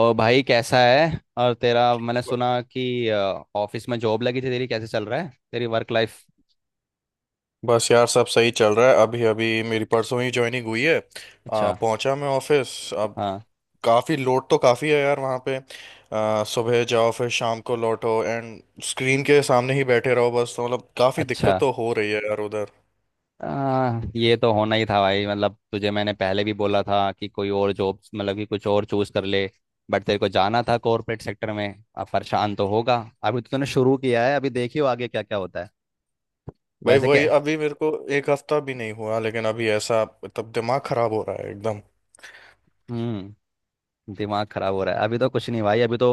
और भाई कैसा है और तेरा? मैंने सुना कि ऑफिस में जॉब लगी थी तेरी। कैसे चल रहा है तेरी वर्क लाइफ? बस यार सब सही चल रहा है अभी अभी मेरी परसों ही ज्वाइनिंग हुई है। अच्छा। पहुंचा मैं ऑफिस अब। हाँ। काफ़ी लोड तो काफ़ी है यार वहाँ पे। सुबह जाओ फिर शाम को लौटो एंड स्क्रीन के सामने ही बैठे रहो बस, तो मतलब काफ़ी दिक्कत अच्छा। तो हो रही है यार उधर। ये तो होना ही था भाई, मतलब तुझे मैंने पहले भी बोला था कि कोई और जॉब, मतलब कि कुछ और चूज कर ले। बट तेरे को जाना था कॉर्पोरेट सेक्टर में। अब परेशान तो होगा। अभी तो तूने शुरू किया है, अभी देखियो आगे क्या क्या होता है। भाई वैसे वही क्या। अभी मेरे को एक हफ्ता भी नहीं हुआ, लेकिन अभी ऐसा तब दिमाग खराब हो रहा है एकदम। हम्म। दिमाग खराब हो रहा है, अभी तो कुछ नहीं भाई, अभी तो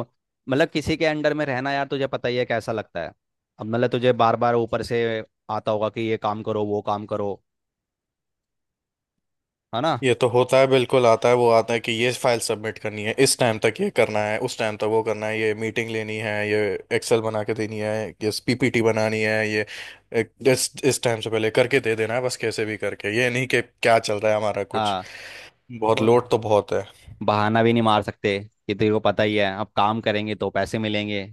मतलब किसी के अंडर में रहना, यार तुझे पता ही है कैसा लगता है। अब मतलब तुझे बार बार ऊपर से आता होगा कि ये काम करो वो काम करो, है ना? ये तो होता है, बिल्कुल आता है, वो आता है कि ये फाइल सबमिट करनी है इस टाइम तक, ये करना है उस टाइम तक, वो करना है, ये मीटिंग लेनी है, ये एक्सेल बना के देनी है, ये पीपीटी बनानी है, ये इस टाइम से पहले करके दे देना है बस, कैसे भी करके। ये नहीं कि क्या चल रहा है हमारा कुछ। हाँ। बहुत वो लोड तो बहुत बहाना भी नहीं मार सकते कि तेरे को पता ही है, अब काम करेंगे तो पैसे मिलेंगे,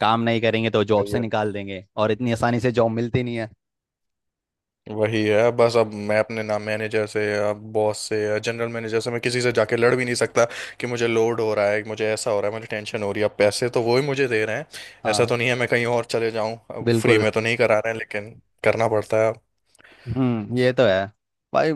काम नहीं करेंगे तो जॉब से है। निकाल देंगे, और इतनी आसानी से जॉब मिलती नहीं है। वही है बस। अब मैं अपने ना मैनेजर से या बॉस से या जनरल मैनेजर से मैं किसी से जाके लड़ भी नहीं सकता कि मुझे लोड हो रहा है, मुझे ऐसा हो रहा है, मुझे टेंशन हो रही है। अब पैसे तो वो ही मुझे दे रहे हैं, ऐसा हाँ। तो नहीं है मैं कहीं और चले जाऊं। अब फ्री बिल्कुल। में तो नहीं करा रहे हैं, लेकिन करना पड़ता है अब। हम्म, ये तो है भाई।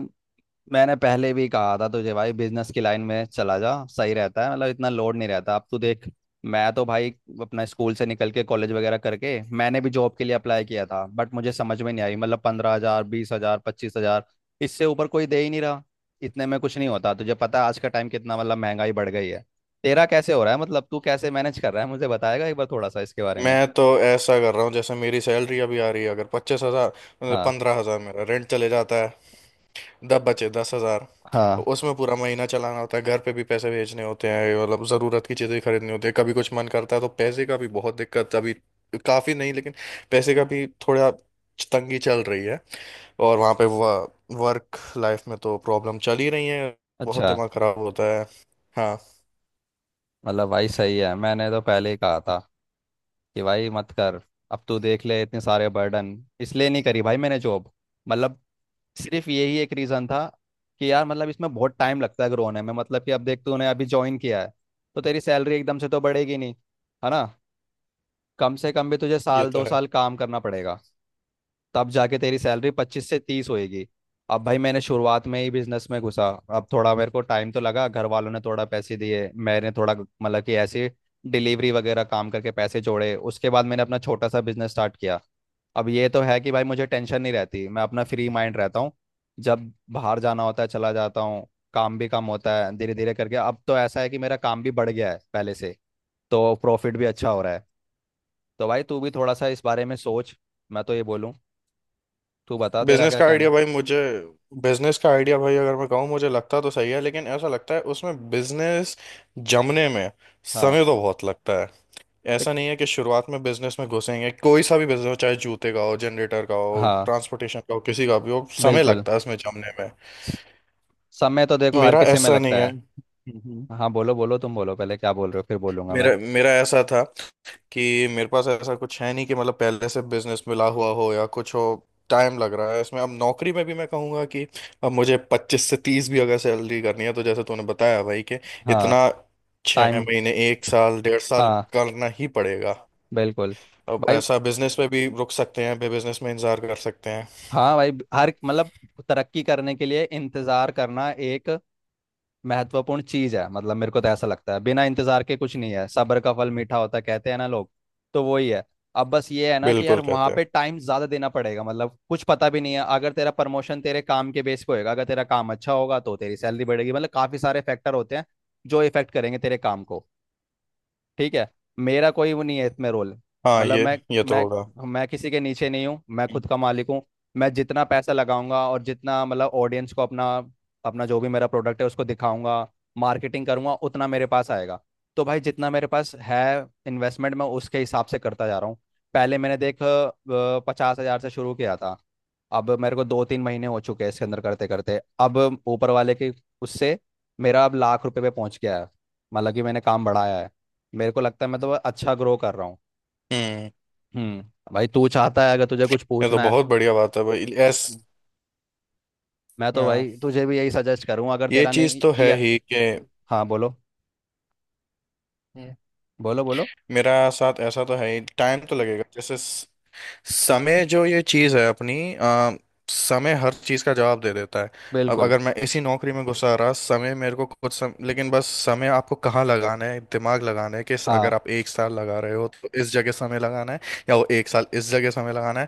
मैंने पहले भी कहा था तुझे भाई, बिजनेस की लाइन में चला जा, सही रहता है, मतलब इतना लोड नहीं रहता। अब तू देख, मैं तो भाई अपना स्कूल से निकल के कॉलेज वगैरह करके मैंने भी जॉब के लिए अप्लाई किया था, बट मुझे समझ में नहीं आई, मतलब 15,000, 20,000, 25,000, इससे ऊपर कोई दे ही नहीं रहा। इतने में कुछ नहीं होता, तुझे पता है आज का टाइम कितना मतलब महंगाई बढ़ गई है। तेरा कैसे हो रहा है, मतलब तू कैसे मैनेज कर रहा है, मुझे बताएगा एक बार थोड़ा सा इसके बारे में? मैं तो ऐसा कर रहा हूँ जैसे मेरी सैलरी अभी आ रही है, अगर 25 हजार, हाँ। 15 हजार मेरा रेंट चले जाता है, दब बचे 10 हजार। हाँ। उसमें पूरा महीना चलाना होता है, घर पे भी पैसे भेजने होते हैं, मतलब ज़रूरत की चीज़ें खरीदनी होती है, कभी कुछ मन करता है तो पैसे का भी बहुत दिक्कत अभी। काफ़ी नहीं, लेकिन पैसे का भी थोड़ा तंगी चल रही है। और वहाँ पे वर्क लाइफ में तो प्रॉब्लम चल ही रही है। बहुत अच्छा। दिमाग ख़राब होता है। हाँ। मतलब भाई सही है, मैंने तो पहले ही कहा था कि भाई मत कर। अब तू देख ले इतने सारे बर्डन। इसलिए नहीं करी भाई मैंने जॉब, मतलब सिर्फ यही एक रीज़न था कि यार मतलब इसमें बहुत टाइम लगता है ग्रो होने में। मतलब कि अब देख, तूने अभी ज्वाइन किया है तो तेरी सैलरी एकदम से तो बढ़ेगी नहीं, है ना? कम से कम भी तुझे ये साल तो दो है। साल काम करना पड़ेगा, तब जाके तेरी सैलरी पच्चीस से तीस होएगी। अब भाई मैंने शुरुआत में ही बिजनेस में घुसा, अब थोड़ा मेरे को टाइम तो लगा, घर वालों ने थोड़ा पैसे दिए, मैंने थोड़ा मतलब कि ऐसे डिलीवरी वगैरह काम करके पैसे जोड़े, उसके बाद मैंने अपना छोटा सा बिजनेस स्टार्ट किया। अब ये तो है कि भाई मुझे टेंशन नहीं रहती, मैं अपना फ्री माइंड रहता हूँ, जब बाहर जाना होता है चला जाता हूँ, काम भी कम होता है, धीरे धीरे करके अब तो ऐसा है कि मेरा काम भी बढ़ गया है पहले से, तो प्रॉफिट भी अच्छा हो रहा है। तो भाई तू भी थोड़ा सा इस बारे में सोच, मैं तो ये बोलूँ। तू बता तेरा बिजनेस क्या का कहना आइडिया है? भाई मुझे, बिजनेस का आइडिया भाई अगर मैं कहूँ मुझे लगता तो सही है, लेकिन ऐसा लगता है उसमें बिजनेस जमने में हाँ। समय तो बहुत लगता है। तो- ऐसा नहीं है कि शुरुआत में बिजनेस में घुसेंगे। कोई सा भी बिजनेस हो, चाहे जूते का हो, जनरेटर का हो, हाँ। ट्रांसपोर्टेशन का हो, किसी का भी हो, समय बिल्कुल। लगता है उसमें जमने में। समय तो देखो हर मेरा किसी में ऐसा नहीं लगता है। है। हम्म। हाँ बोलो बोलो तुम बोलो पहले, क्या बोल रहे हो, फिर बोलूंगा मैं। मेरा मेरा ऐसा था कि मेरे पास ऐसा कुछ है नहीं कि मतलब पहले से बिजनेस मिला हुआ हो या कुछ हो। टाइम लग रहा है इसमें। अब नौकरी में भी मैं कहूँगा कि अब मुझे 25 से 30 भी अगर सैलरी करनी है तो जैसे तूने बताया भाई कि हाँ। इतना छः टाइम। महीने एक साल, 1.5 साल हाँ। करना ही पड़ेगा। बिल्कुल। अब भाई, ऐसा बिजनेस में भी रुक सकते हैं, बिजनेस में इंतजार कर सकते हैं। हाँ भाई, हर मतलब तरक्की करने के लिए इंतज़ार करना एक महत्वपूर्ण चीज है। मतलब मेरे को तो ऐसा लगता है बिना इंतजार के कुछ नहीं है, सब्र का फल मीठा होता है, कहते हैं ना लोग। तो वही है। अब बस ये है ना कि यार बिल्कुल वहां कहते हैं। पे टाइम ज्यादा देना पड़ेगा, मतलब कुछ पता भी नहीं है, अगर तेरा प्रमोशन तेरे काम के बेस पे होएगा, अगर तेरा काम अच्छा होगा तो तेरी सैलरी बढ़ेगी, मतलब काफी सारे फैक्टर होते हैं जो इफेक्ट करेंगे तेरे काम को। ठीक है? मेरा कोई वो नहीं है इसमें रोल, हाँ, मतलब ये ये तो मैं होगा। मैं किसी के नीचे नहीं हूँ, मैं खुद का मालिक हूँ। मैं जितना पैसा लगाऊंगा और जितना मतलब ऑडियंस को अपना अपना जो भी मेरा प्रोडक्ट है उसको दिखाऊंगा, मार्केटिंग करूंगा, उतना मेरे पास आएगा। तो भाई जितना मेरे पास है इन्वेस्टमेंट, मैं उसके हिसाब से करता जा रहा हूँ। पहले मैंने देख 50,000 से शुरू किया था, अब मेरे को दो तीन महीने हो चुके हैं, इसके अंदर करते करते अब ऊपर वाले के उससे मेरा अब लाख रुपए पे पहुंच गया है। मतलब कि मैंने काम बढ़ाया है, मेरे को लगता है मैं तो अच्छा ग्रो कर रहा हूँ। हम्म। हम्म। भाई तू चाहता है अगर तुझे कुछ ये तो पूछना है, बहुत बढ़िया बात है भाई, एस। मैं तो हाँ, भाई तुझे भी यही सजेस्ट करूँ, अगर ये तेरा चीज नहीं, तो है या। ही कि हाँ। बोलो बोलो बोलो। मेरा साथ ऐसा तो है ही, टाइम तो लगेगा जैसे समय। जो ये चीज है अपनी, समय हर चीज का जवाब दे देता है। अब बिल्कुल। अगर मैं इसी नौकरी में घुसा रहा समय मेरे को कुछ, लेकिन बस समय आपको कहाँ लगाना है, दिमाग लगाना है कि हाँ अगर आप एक साल लगा रहे हो तो इस जगह समय लगाना है, या वो एक साल इस जगह समय लगाना है।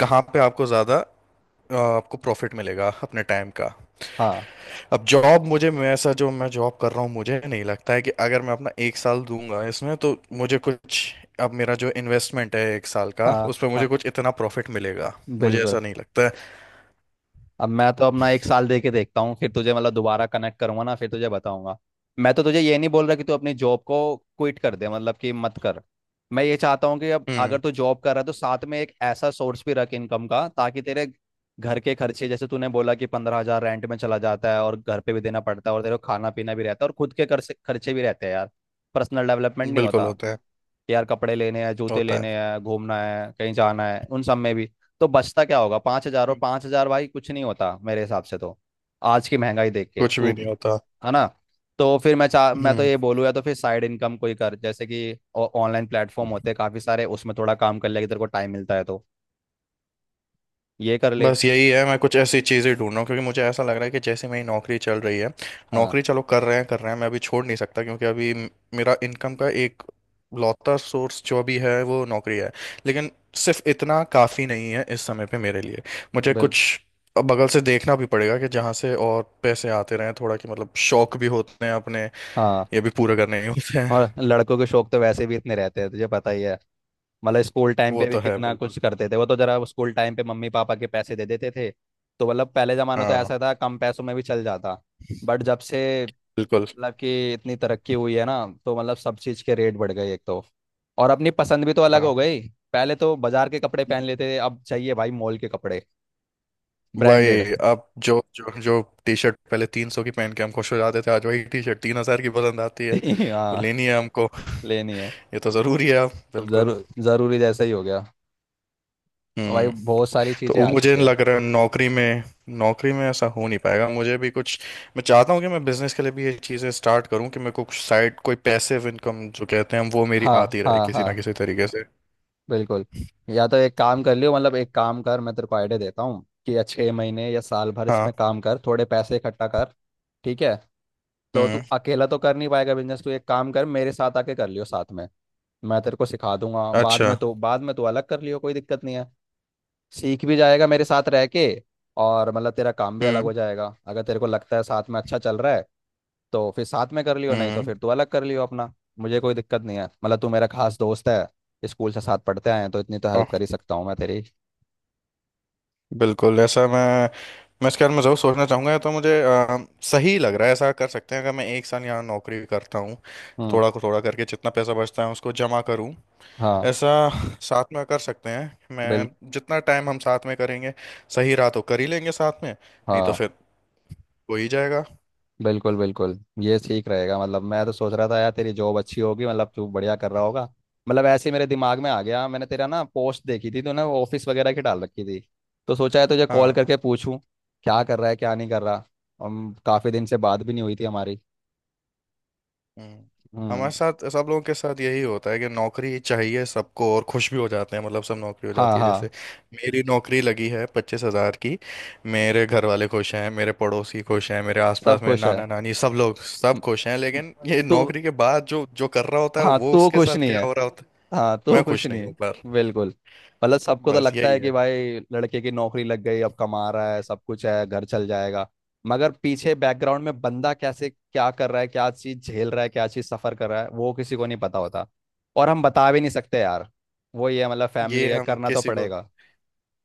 कहाँ पे आपको ज्यादा, आपको प्रॉफिट मिलेगा अपने टाइम का। हाँ अब जॉब मुझे, मैं ऐसा जो मैं जॉब कर रहा हूँ मुझे नहीं लगता है कि अगर मैं अपना एक साल दूंगा इसमें तो मुझे कुछ। अब मेरा जो इन्वेस्टमेंट है एक साल का हाँ। उस पर हाँ। मुझे कुछ इतना प्रॉफिट मिलेगा, मुझे बिल्कुल। ऐसा नहीं लगता है। अब मैं तो अपना एक साल दे के देखता हूँ, फिर तुझे मतलब दोबारा कनेक्ट करूंगा ना, फिर तुझे बताऊंगा। मैं तो तुझे ये नहीं बोल रहा कि तू अपनी जॉब को क्विट कर दे, मतलब कि मत कर। मैं ये चाहता हूँ कि अब अगर हम्म। तू जॉब कर रहा है तो साथ में एक ऐसा सोर्स भी रख इनकम का, ताकि तेरे घर के खर्चे जैसे तूने बोला कि 15,000 रेंट में चला जाता है, और घर पे भी देना पड़ता है, और तेरे को खाना पीना भी रहता है, और खुद के खर्चे खर्चे भी रहते हैं यार। पर्सनल डेवलपमेंट नहीं बिल्कुल होता होता है। यार, कपड़े लेने हैं, जूते होता लेने है। हैं, घूमना है, कहीं जाना है, उन सब में भी। तो बचता क्या होगा, 5,000? और 5,000 भाई कुछ नहीं होता मेरे हिसाब से तो, आज की महंगाई देख के कुछ तू, भी नहीं होता। है ना? तो फिर मैं चाह, मैं तो हम्म। ये बोलूँ या तो फिर साइड इनकम कोई कर, जैसे कि ऑनलाइन प्लेटफॉर्म होते हैं काफ़ी सारे, उसमें थोड़ा काम कर ले अगर तेरे को टाइम मिलता है तो, ये कर ले। बस यही है, मैं कुछ ऐसी चीज़ें ढूंढ रहा हूँ क्योंकि मुझे ऐसा लग रहा है कि जैसे मेरी नौकरी चल रही है, हाँ। नौकरी चलो कर रहे हैं, कर रहे हैं। मैं अभी छोड़ नहीं सकता क्योंकि अभी मेरा इनकम का एक लौता सोर्स जो भी है वो नौकरी है, लेकिन सिर्फ इतना काफ़ी नहीं है इस समय पे मेरे लिए। मुझे बिल कुछ बगल से देखना भी पड़ेगा कि जहाँ से और पैसे आते रहें थोड़ा, कि मतलब शौक भी होते हैं अपने, हाँ, ये भी पूरे करने ही होते हैं। और लड़कों के शौक तो वैसे भी इतने रहते हैं तुझे पता ही है। मतलब स्कूल टाइम वो पे भी तो है कितना बिल्कुल। कुछ करते थे, वो तो जरा स्कूल टाइम पे मम्मी पापा के पैसे दे देते थे। तो मतलब पहले जमाना तो हाँ। ऐसा था, कम पैसों में भी चल जाता, बट जब से बिल्कुल। मतलब कि इतनी तरक्की हुई है ना, तो मतलब सब चीज़ के रेट बढ़ गए एक तो, और अपनी पसंद भी तो अलग हाँ, हो गई। पहले तो बाजार के कपड़े पहन लेते थे, अब चाहिए भाई मॉल के कपड़े, ब्रांडेड। वही। अब जो जो जो टी शर्ट पहले 300 की पहन के हम खुश हो जाते थे, आज वही टी शर्ट 3 हजार की पसंद आती है। वो हाँ, लेनी है हमको लेनी है। ये तो जरूरी है अब तो बिल्कुल। जरूर जरूरी जैसा ही हो गया भाई, हम्म। बहुत सारी तो चीज़ें वो आ मुझे चुकी है। लग रहा है नौकरी में ऐसा हो नहीं पाएगा मुझे भी कुछ। मैं चाहता हूँ कि मैं बिजनेस के लिए भी ये चीज़ें स्टार्ट करूँ कि मेरे को कुछ साइड कोई पैसिव इनकम जो कहते हैं हम, वो मेरी हाँ आती रहे हाँ किसी हाँ। ना किसी तरीके से। बिल्कुल। या तो एक काम कर लियो, मतलब एक काम कर, मैं तेरे को आइडिया देता हूँ कि या 6 महीने या साल भर हाँ। इसमें काम कर, थोड़े पैसे इकट्ठा कर। ठीक है? तो हम्म। तू अकेला तो कर नहीं पाएगा बिजनेस, तू एक काम कर मेरे साथ आके कर लियो साथ में। मैं तेरे को सिखा दूंगा, बाद में अच्छा। तो बाद में तू अलग कर लियो, कोई दिक्कत नहीं है। सीख भी जाएगा मेरे साथ रह के, और मतलब तेरा काम भी अलग हम्म। हो जाएगा अगर तेरे को लगता है साथ में अच्छा चल रहा है। तो फिर साथ में कर लियो, नहीं तो हम्म। फिर तू अलग कर लियो अपना। मुझे कोई दिक्कत नहीं है, मतलब तू मेरा खास दोस्त है, स्कूल से साथ पढ़ते आए हैं, तो इतनी तो हेल्प कर ही सकता हूँ मैं तेरी। बिल्कुल ऐसा, मैं इस ख्याल में ज़रूर सोचना चाहूँगा। तो मुझे, सही लग रहा है ऐसा कर सकते हैं। अगर मैं एक साल यहाँ नौकरी करता हूँ, हम्म। थोड़ा को थोड़ा करके जितना पैसा बचता है उसको जमा करूँ, हाँ। ऐसा साथ में कर सकते हैं। बिल मैं जितना टाइम हम साथ में करेंगे सही रहा तो कर ही लेंगे साथ में, नहीं तो हाँ, फिर हो ही जाएगा। बिल्कुल बिल्कुल ये ठीक रहेगा। मतलब मैं तो सोच रहा था यार तेरी जॉब अच्छी होगी, मतलब तू बढ़िया कर रहा होगा, मतलब ऐसे ही मेरे दिमाग में आ गया, मैंने तेरा ना पोस्ट देखी थी तूने वो ऑफिस वगैरह की डाल रखी थी, तो सोचा है तुझे कॉल हाँ। करके पूछूं क्या कर रहा है क्या नहीं कर रहा। हम काफ़ी दिन से बात भी नहीं हुई थी हमारी। हम्म। हम्म। हमारे साथ सब लोगों के साथ यही होता है कि नौकरी चाहिए सबको, और खुश भी हो जाते हैं, मतलब सब नौकरी हो हाँ। जाती है जैसे हाँ, मेरी नौकरी लगी है 25 हजार की। मेरे घर वाले खुश हैं, मेरे पड़ोसी खुश हैं, मेरे सब आसपास मेरे खुश है। नाना नानी सब लोग सब म- खुश हैं, लेकिन ये तू, नौकरी के बाद जो जो कर रहा होता है हाँ वो तू उसके खुश साथ नहीं क्या है। हो रहा होता है। हाँ तो मैं कुछ खुश नहीं नहीं। हूँ, पर बिल्कुल। मतलब सबको तो बस लगता यही है कि है। भाई लड़के की नौकरी लग गई, अब कमा रहा है, सब कुछ है, घर चल जाएगा। मगर पीछे बैकग्राउंड में बंदा कैसे क्या कर रहा है, क्या चीज़ झेल रहा है, क्या चीज़ सफ़र कर रहा है, वो किसी को नहीं पता होता। और हम बता भी नहीं सकते यार, वो ये मतलब फैमिली ये है, हम करना तो किसी को, पड़ेगा।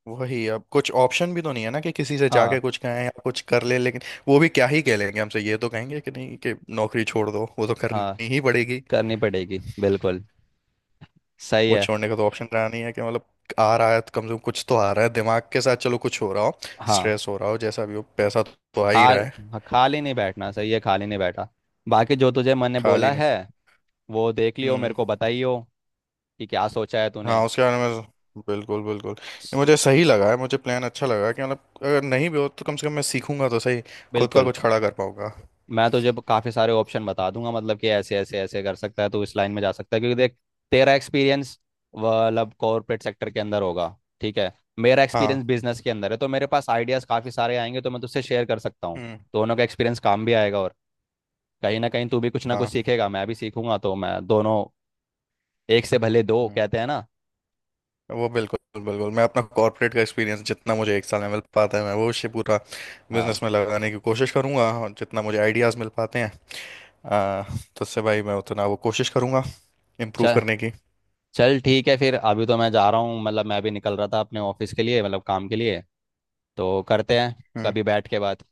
वही अब कुछ ऑप्शन भी तो नहीं है ना कि किसी से जाके हाँ। कुछ कहें या कुछ कर ले, लेकिन वो भी क्या ही कह लेंगे हमसे, ये तो कहेंगे कि नहीं कि नौकरी छोड़ दो, वो तो हाँ, करनी ही पड़ेगी। करनी पड़ेगी बिल्कुल, सही वो है। छोड़ने का तो ऑप्शन रहा नहीं है कि मतलब आ रहा है तो कम से कम कुछ तो आ रहा है, दिमाग के साथ चलो कुछ हो रहा हो, हाँ। स्ट्रेस हो रहा हो, जैसा भी हो पैसा तो आ ही खाल रहा है। हाँ, खाली नहीं बैठना सही है, खाली नहीं बैठा। बाकी जो तुझे मैंने खाली बोला नहीं। है वो देख लियो, मेरे हम्म। को बताइयो कि क्या सोचा है तूने। हाँ, उसके बारे में तो बिल्कुल बिल्कुल ये मुझे सही लगा है, मुझे प्लान अच्छा लगा कि मतलब अगर नहीं भी हो तो कम से कम मैं सीखूंगा तो सही, खुद का बिल्कुल। कुछ खड़ा कर पाऊंगा। मैं तुझे काफ़ी सारे ऑप्शन बता दूंगा, मतलब कि ऐसे ऐसे ऐसे कर सकता है तू, इस लाइन में जा सकता है, क्योंकि देख तेरा एक्सपीरियंस मतलब कॉरपोरेट सेक्टर के अंदर होगा, ठीक है? मेरा हाँ। एक्सपीरियंस बिजनेस के अंदर है, तो मेरे पास आइडियाज़ काफ़ी सारे आएंगे, तो मैं तुझसे शेयर कर सकता हूँ। हम्म। दोनों का एक्सपीरियंस काम भी आएगा, और कहीं ना कहीं तू भी कुछ ना कुछ हाँ। सीखेगा, मैं भी सीखूंगा, तो मैं दोनों, एक से भले दो हम्म। कहते हैं ना। वो बिल्कुल बिल्कुल मैं अपना कॉर्पोरेट का एक्सपीरियंस जितना मुझे एक साल में मिल पाता है मैं वो उसे पूरा बिजनेस हाँ। में लगाने की कोशिश करूंगा, और जितना मुझे आइडियाज़ मिल पाते हैं, आ, तो उससे भाई मैं उतना वो कोशिश करूंगा इम्प्रूव चल, करने की। चल ठीक है फिर, अभी तो मैं जा रहा हूँ, मतलब मैं अभी निकल रहा था अपने ऑफिस के लिए, मतलब काम के लिए। तो करते हैं हम्म। कभी बैठ के बात।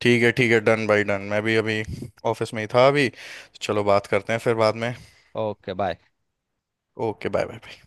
ठीक है। ठीक है। डन भाई डन। मैं भी अभी ऑफिस में ही था, अभी तो चलो बात करते हैं फिर बाद में। Okay bye. Okay bye bye.